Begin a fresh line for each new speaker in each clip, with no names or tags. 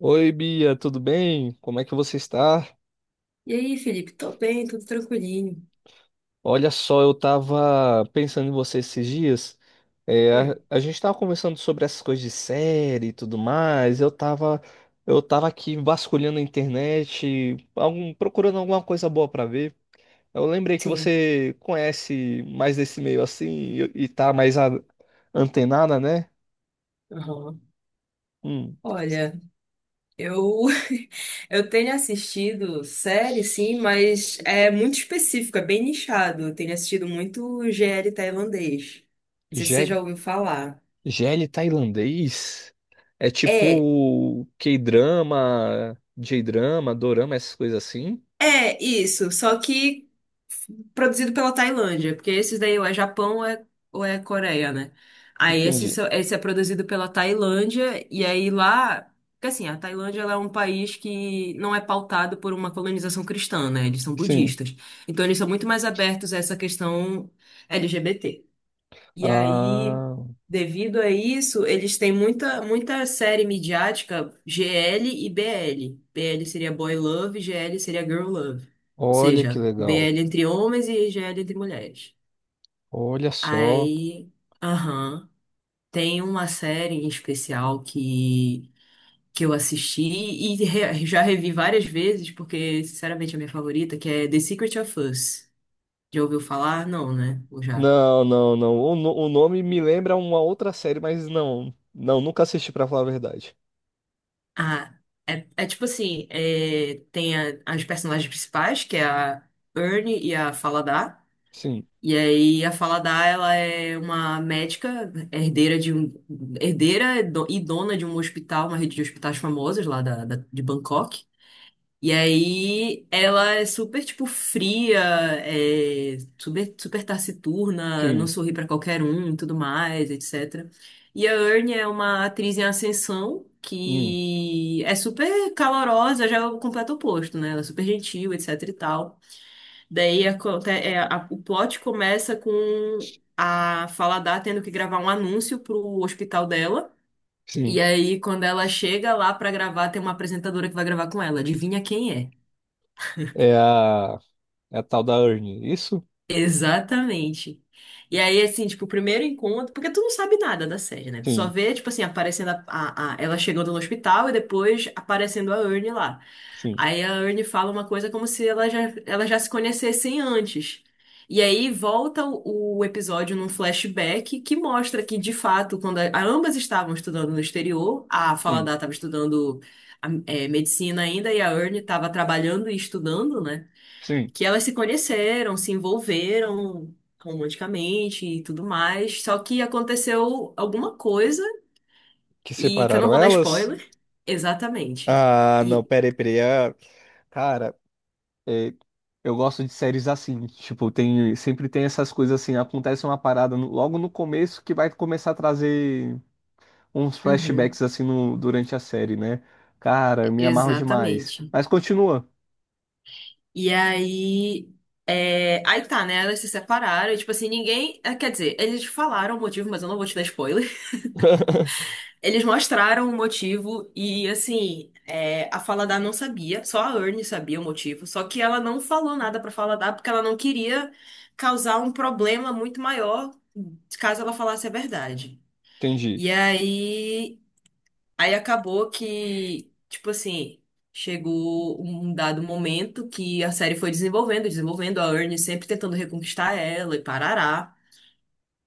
Oi, Bia, tudo bem? Como é que você está?
E aí, Felipe? Tô bem, tudo tranquilinho.
Olha só, eu estava pensando em você esses dias. É, a,
Hum.
a gente estava conversando sobre essas coisas de série e tudo mais. Eu tava aqui vasculhando a internet, procurando alguma coisa boa para ver. Eu lembrei que
Sim.
você conhece mais desse meio assim e tá mais antenada, né?
Aham.
Hum,
Olha, eu eu tenho assistido série, sim, mas é muito específico, é bem nichado. Eu tenho assistido muito GL tailandês. Não sei se você já ouviu falar.
GL tailandês é
É.
tipo K-drama, J-drama, dorama, essas coisas assim?
É isso, só que produzido pela Tailândia, porque esses daí ou é Japão ou é Coreia, né? Aí esse,
Entendi.
esse é produzido pela Tailândia, e aí lá. Porque assim, a Tailândia ela é um país que não é pautado por uma colonização cristã, né? Eles são
Sim.
budistas. Então eles são muito mais abertos a essa questão LGBT. E aí,
Ah,
devido a isso, eles têm muita, muita série midiática GL e BL. BL seria Boy Love, GL seria Girl Love. Ou
olha que
seja,
legal.
BL entre homens e GL entre mulheres.
Olha só.
Aí, aham, tem uma série em especial que eu assisti e já revi várias vezes, porque, sinceramente, é a minha favorita, que é The Secret of Us. Já ouviu falar? Não, né? Ou já?
Não, não, não. O, no- O nome me lembra uma outra série, mas não. Não, nunca assisti pra falar a verdade.
Ah, é, é tipo assim, é, tem as personagens principais, que é a Ernie e a Faladar.
Sim,
E aí a Faladar, ela é uma médica, herdeira e e dona de um hospital, uma rede de hospitais famosas lá de Bangkok. E aí ela é super, tipo, fria, é, super, super taciturna, não
sim,
sorri pra qualquer um e tudo mais, etc. E a Ernie é uma atriz em ascensão
hum,
que é super calorosa, já é o completo oposto, né? Ela é super gentil, etc e tal. Daí é, o plot começa com a Faladar tendo que gravar um anúncio pro hospital dela. E
sim.
aí, quando ela chega lá pra gravar, tem uma apresentadora que vai gravar com ela. Adivinha quem é?
É a, é a tal da Ernie, é isso?
Exatamente. E aí, assim, tipo, o primeiro encontro, porque tu não sabe nada da série, né? Tu só
Sim,
vê, tipo assim, aparecendo ela chegando no hospital e depois aparecendo a Ernie lá.
sim,
Aí a Ernie fala uma coisa como se ela já se conhecessem antes. E aí volta o episódio num flashback que mostra que, de fato, quando a, ambas estavam estudando no exterior, a
sim,
Faladar estava estudando é, medicina ainda e a Ernie estava trabalhando e estudando, né?
sim.
Que elas se conheceram, se envolveram romanticamente e tudo mais. Só que aconteceu alguma coisa
Que
e que eu não
separaram
vou dar
elas?
spoiler. Exatamente.
Ah, não,
E
peraí, peraí. Ah, cara. É, eu gosto de séries assim, tipo, tem, sempre tem essas coisas assim, acontece uma parada logo no começo que vai começar a trazer uns
uhum,
flashbacks assim durante a série, né? Cara, me amarro demais.
exatamente.
Mas continua.
E aí é, aí tá, né? Elas se separaram, e, tipo assim, ninguém, eh, quer dizer, eles falaram o motivo, mas eu não vou te dar spoiler. Eles mostraram o motivo e, assim, é, a Faladar não sabia, só a Ernie sabia o motivo, só que ela não falou nada pra Faladar porque ela não queria causar um problema muito maior caso ela falasse a verdade.
Entendi.
E aí, aí acabou que, tipo assim, chegou um dado momento que a série foi desenvolvendo, desenvolvendo, a Ernie sempre tentando reconquistar ela e parará.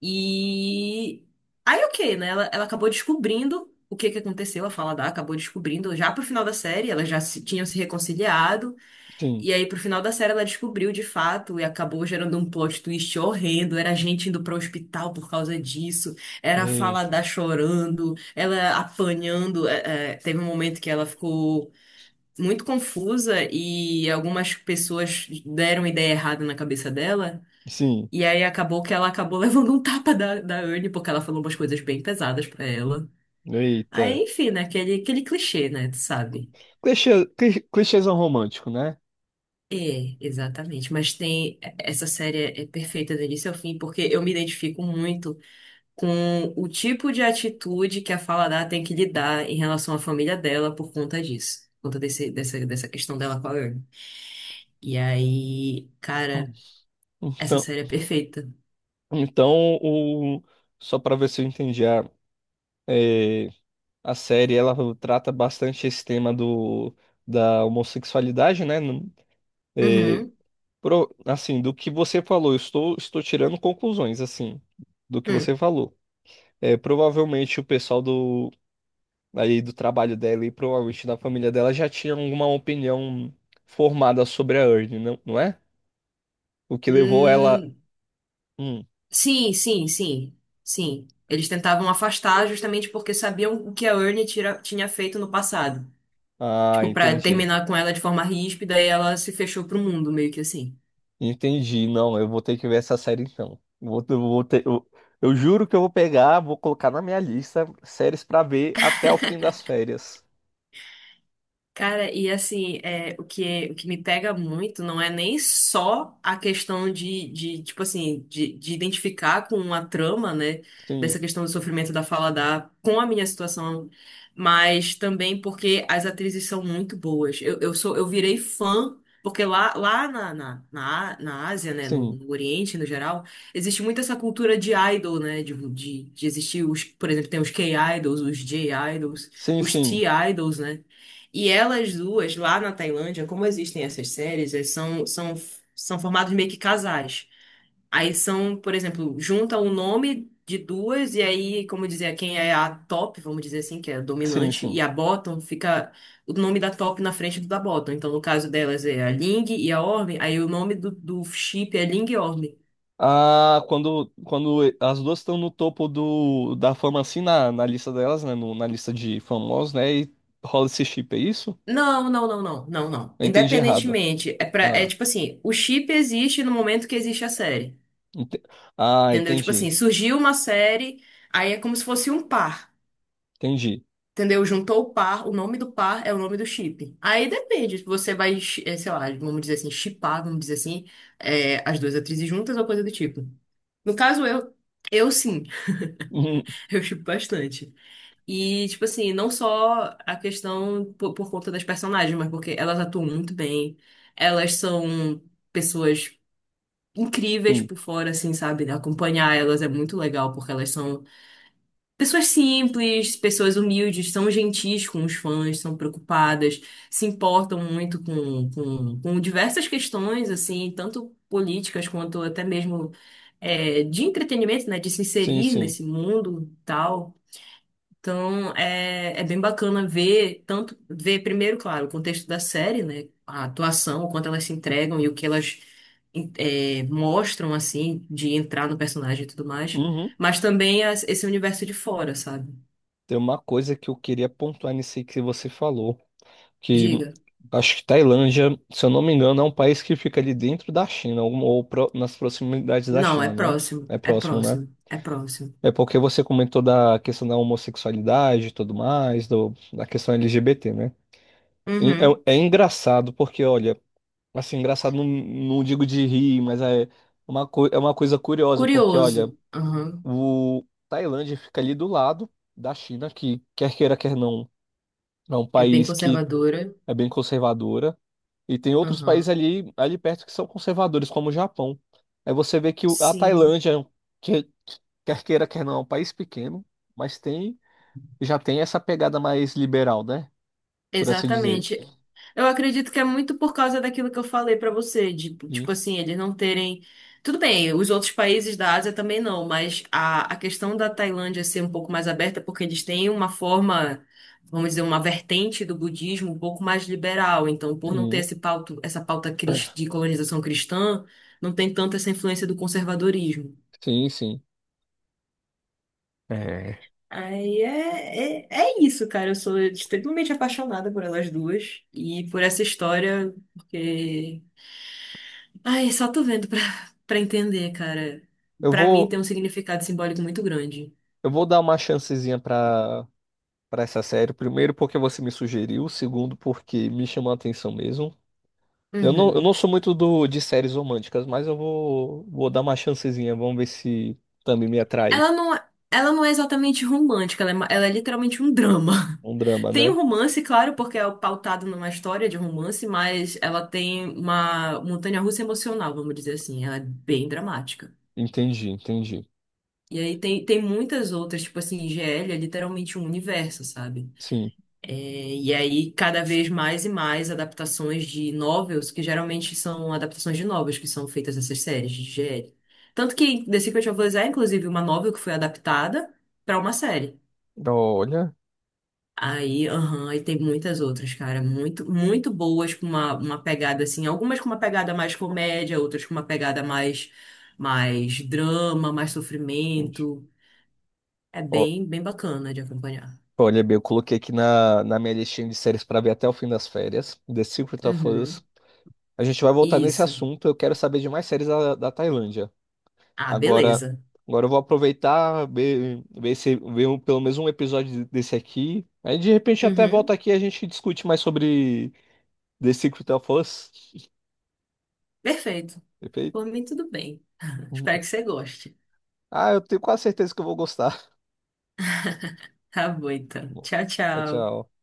E aí o que né? Ela acabou descobrindo o que que aconteceu, a Falada acabou descobrindo já pro final da série, elas já se, tinham se reconciliado,
Sim.
e aí pro final da série ela descobriu de fato e acabou gerando um plot twist horrendo, era gente indo pro hospital por causa disso, era a
Eita.
Falada chorando, ela apanhando, é, é, teve um momento que ela ficou muito confusa e algumas pessoas deram ideia errada na cabeça dela.
Sim.
E aí acabou que ela acabou levando um tapa da Anne, porque ela falou umas coisas bem pesadas pra ela.
Eita.
Aí, enfim, né? Aquele clichê, né? Tu sabe?
Clichê, clichêzão romântico, né?
É, exatamente. Mas tem. É, essa série é perfeita do início ao fim, porque eu me identifico muito com o tipo de atitude que a Faladar tem que lidar em relação à família dela por conta disso. Por conta dessa questão dela com a Anne. E aí, cara, essa
Então,
série é perfeita.
então o, só pra ver se eu entendi a série ela trata bastante esse tema do da homossexualidade, né? É,
Uhum.
assim, do que você falou, eu estou tirando conclusões assim do que você
Hum.
falou. É, provavelmente o pessoal do aí do trabalho dela e provavelmente da família dela já tinha alguma opinião formada sobre a Ernie, não, não é? O que levou ela.
Hum.
Hum,
Sim, sim, sim, sim. Eles tentavam afastar justamente porque sabiam o que a Ernie tinha feito no passado.
ah,
Tipo, pra
entendi.
terminar com ela de forma ríspida e ela se fechou pro mundo, meio que assim.
Entendi. Não, eu vou ter que ver essa série então. Vou, eu vou ter, eu juro que eu vou pegar, vou colocar na minha lista séries pra ver até o fim das férias.
Cara, e assim, é, o que me pega muito não é nem só a questão de tipo assim, de identificar com a trama, né,
Sim,
dessa questão do sofrimento da Faladar com a minha situação, mas também porque as atrizes são muito boas. Eu virei fã, porque lá, lá na, na, na, na Ásia, né,
sim,
no Oriente, no geral, existe muito essa cultura de idol, né, de existir os, por exemplo, tem os K-idols, os J-idols,
sim,
os
sim,
T-idols, né, e elas duas, lá na Tailândia, como existem essas séries, são formados meio que casais. Aí são, por exemplo, junta o nome de duas, e aí, como dizer, quem é a top, vamos dizer assim, que é a
sim,
dominante, e
sim.
a bottom, fica o nome da top na frente do da bottom. Então, no caso delas é a Ling e a Orm, aí o nome do chip é Ling e Orm.
Ah, quando, quando as duas estão no topo do, da fama, assim, na, na lista delas, né? Na lista de famosos, né? E rola esse chip, é isso?
Não, não.
Eu entendi errado.
Independentemente, é, pra, é
Ah,
tipo assim, o chip existe no momento que existe a série.
ente- ah,
Entendeu? Tipo
entendi,
assim, surgiu uma série, aí é como se fosse um par.
entendi.
Entendeu? Juntou o par, o nome do par é o nome do chip. Aí depende, se você vai, eh, sei lá, vamos dizer assim, chipar, vamos dizer assim, eh, as duas atrizes juntas ou coisa do tipo. No caso, eu sim,
Uhum,
eu chipo bastante. E, tipo assim, não só a questão por conta das personagens, mas porque elas atuam muito bem, elas são pessoas incríveis
sim,
por fora, assim, sabe? Acompanhar elas é muito legal, porque elas são pessoas simples, pessoas humildes, são gentis com os fãs, são preocupadas, se importam muito com diversas questões, assim, tanto políticas quanto até mesmo é, de entretenimento, né, de se
sim,
inserir
sim.
nesse mundo e tal. Então, é, é bem bacana ver, tanto ver primeiro, claro, o contexto da série, né, a atuação, o quanto elas se entregam e o que elas é, mostram, assim, de entrar no personagem e tudo mais,
Uhum.
mas também esse universo de fora, sabe?
Tem uma coisa que eu queria pontuar nisso aí que você falou, que
Diga.
acho que Tailândia, se eu não me engano, é um país que fica ali dentro da China, ou nas proximidades da
Não, é
China, né?
próximo.
É
É
próximo, né?
próximo. É próximo.
É porque você comentou da questão da homossexualidade e tudo mais, do, da questão LGBT, né? E
Uhum.
É, é engraçado, porque, olha, assim, engraçado não, não digo de rir, mas é é uma coisa curiosa, porque, olha,
Curioso. Uhum.
o Tailândia fica ali do lado da China, que quer queira, quer não. É um
É bem
país que
conservadora.
é bem conservadora e tem outros países
Uhum.
ali, ali perto que são conservadores, como o Japão. Aí você vê que a
Sim.
Tailândia, é um que, quer queira, quer não, é um país pequeno, mas tem já tem essa pegada mais liberal, né? Por assim dizer.
Exatamente. Eu acredito que é muito por causa daquilo que eu falei pra você, de, tipo
Sim,
assim, eles não terem. Tudo bem, os outros países da Ásia também não, mas a questão da Tailândia ser um pouco mais aberta, é porque eles têm uma forma, vamos dizer, uma vertente do budismo um pouco mais liberal. Então, por não ter
sim,
esse pauta, essa de colonização cristã, não tem tanto essa influência do conservadorismo.
sim. Sim. É,
Aí é, é, é isso, cara. Eu sou extremamente apaixonada por elas duas e por essa história, porque. Ai, só tô vendo pra, pra entender, cara.
Eu
Pra mim
vou,
tem um significado simbólico muito grande.
eu vou dar uma chancezinha para para essa série. Primeiro, porque você me sugeriu. Segundo, porque me chamou a atenção mesmo. Eu
Uhum.
não sou muito do, de séries românticas, mas eu vou, vou dar uma chancezinha. Vamos ver se também me atrai.
Ela não é exatamente romântica, ela é, ela é literalmente um drama.
Um drama,
Tem
né?
um romance, claro, porque é pautado numa história de romance, mas ela tem uma montanha-russa emocional, vamos dizer assim. Ela é bem dramática.
Entendi, entendi.
E aí tem, tem muitas outras, tipo assim, GL é literalmente um universo, sabe?
Sim.
É, e aí, cada vez mais e mais adaptações de novels, que geralmente são adaptações de novels que são feitas essas séries de GL. Tanto que The Secret of Us é, inclusive, uma novel que foi adaptada para uma série.
Olha,
Aí, aham, aí tem muitas outras, cara, muito, muito boas, com uma pegada assim, algumas com uma pegada mais comédia, outras com uma pegada mais, mais drama, mais
entendi.
sofrimento. É
Ó,
bem, bem bacana de acompanhar.
olha, bem, eu coloquei aqui na, na minha listinha de séries para ver até o fim das férias. The Secret of Us.
Uhum.
A gente vai voltar nesse
Isso.
assunto. Eu quero saber de mais séries da, da Tailândia.
Ah,
Agora,
beleza.
agora eu vou aproveitar, ver, ver, se, ver pelo menos um episódio desse aqui. Aí de repente até volta
Uhum.
aqui e a gente discute mais sobre The Secret of Us.
Perfeito. Por
Perfeito.
mim, tudo bem. Espero que você goste.
Ah, eu tenho quase certeza que eu vou gostar.
Tá bom, então.
Bom,
Tchau,
tchau,
tchau.
tchau.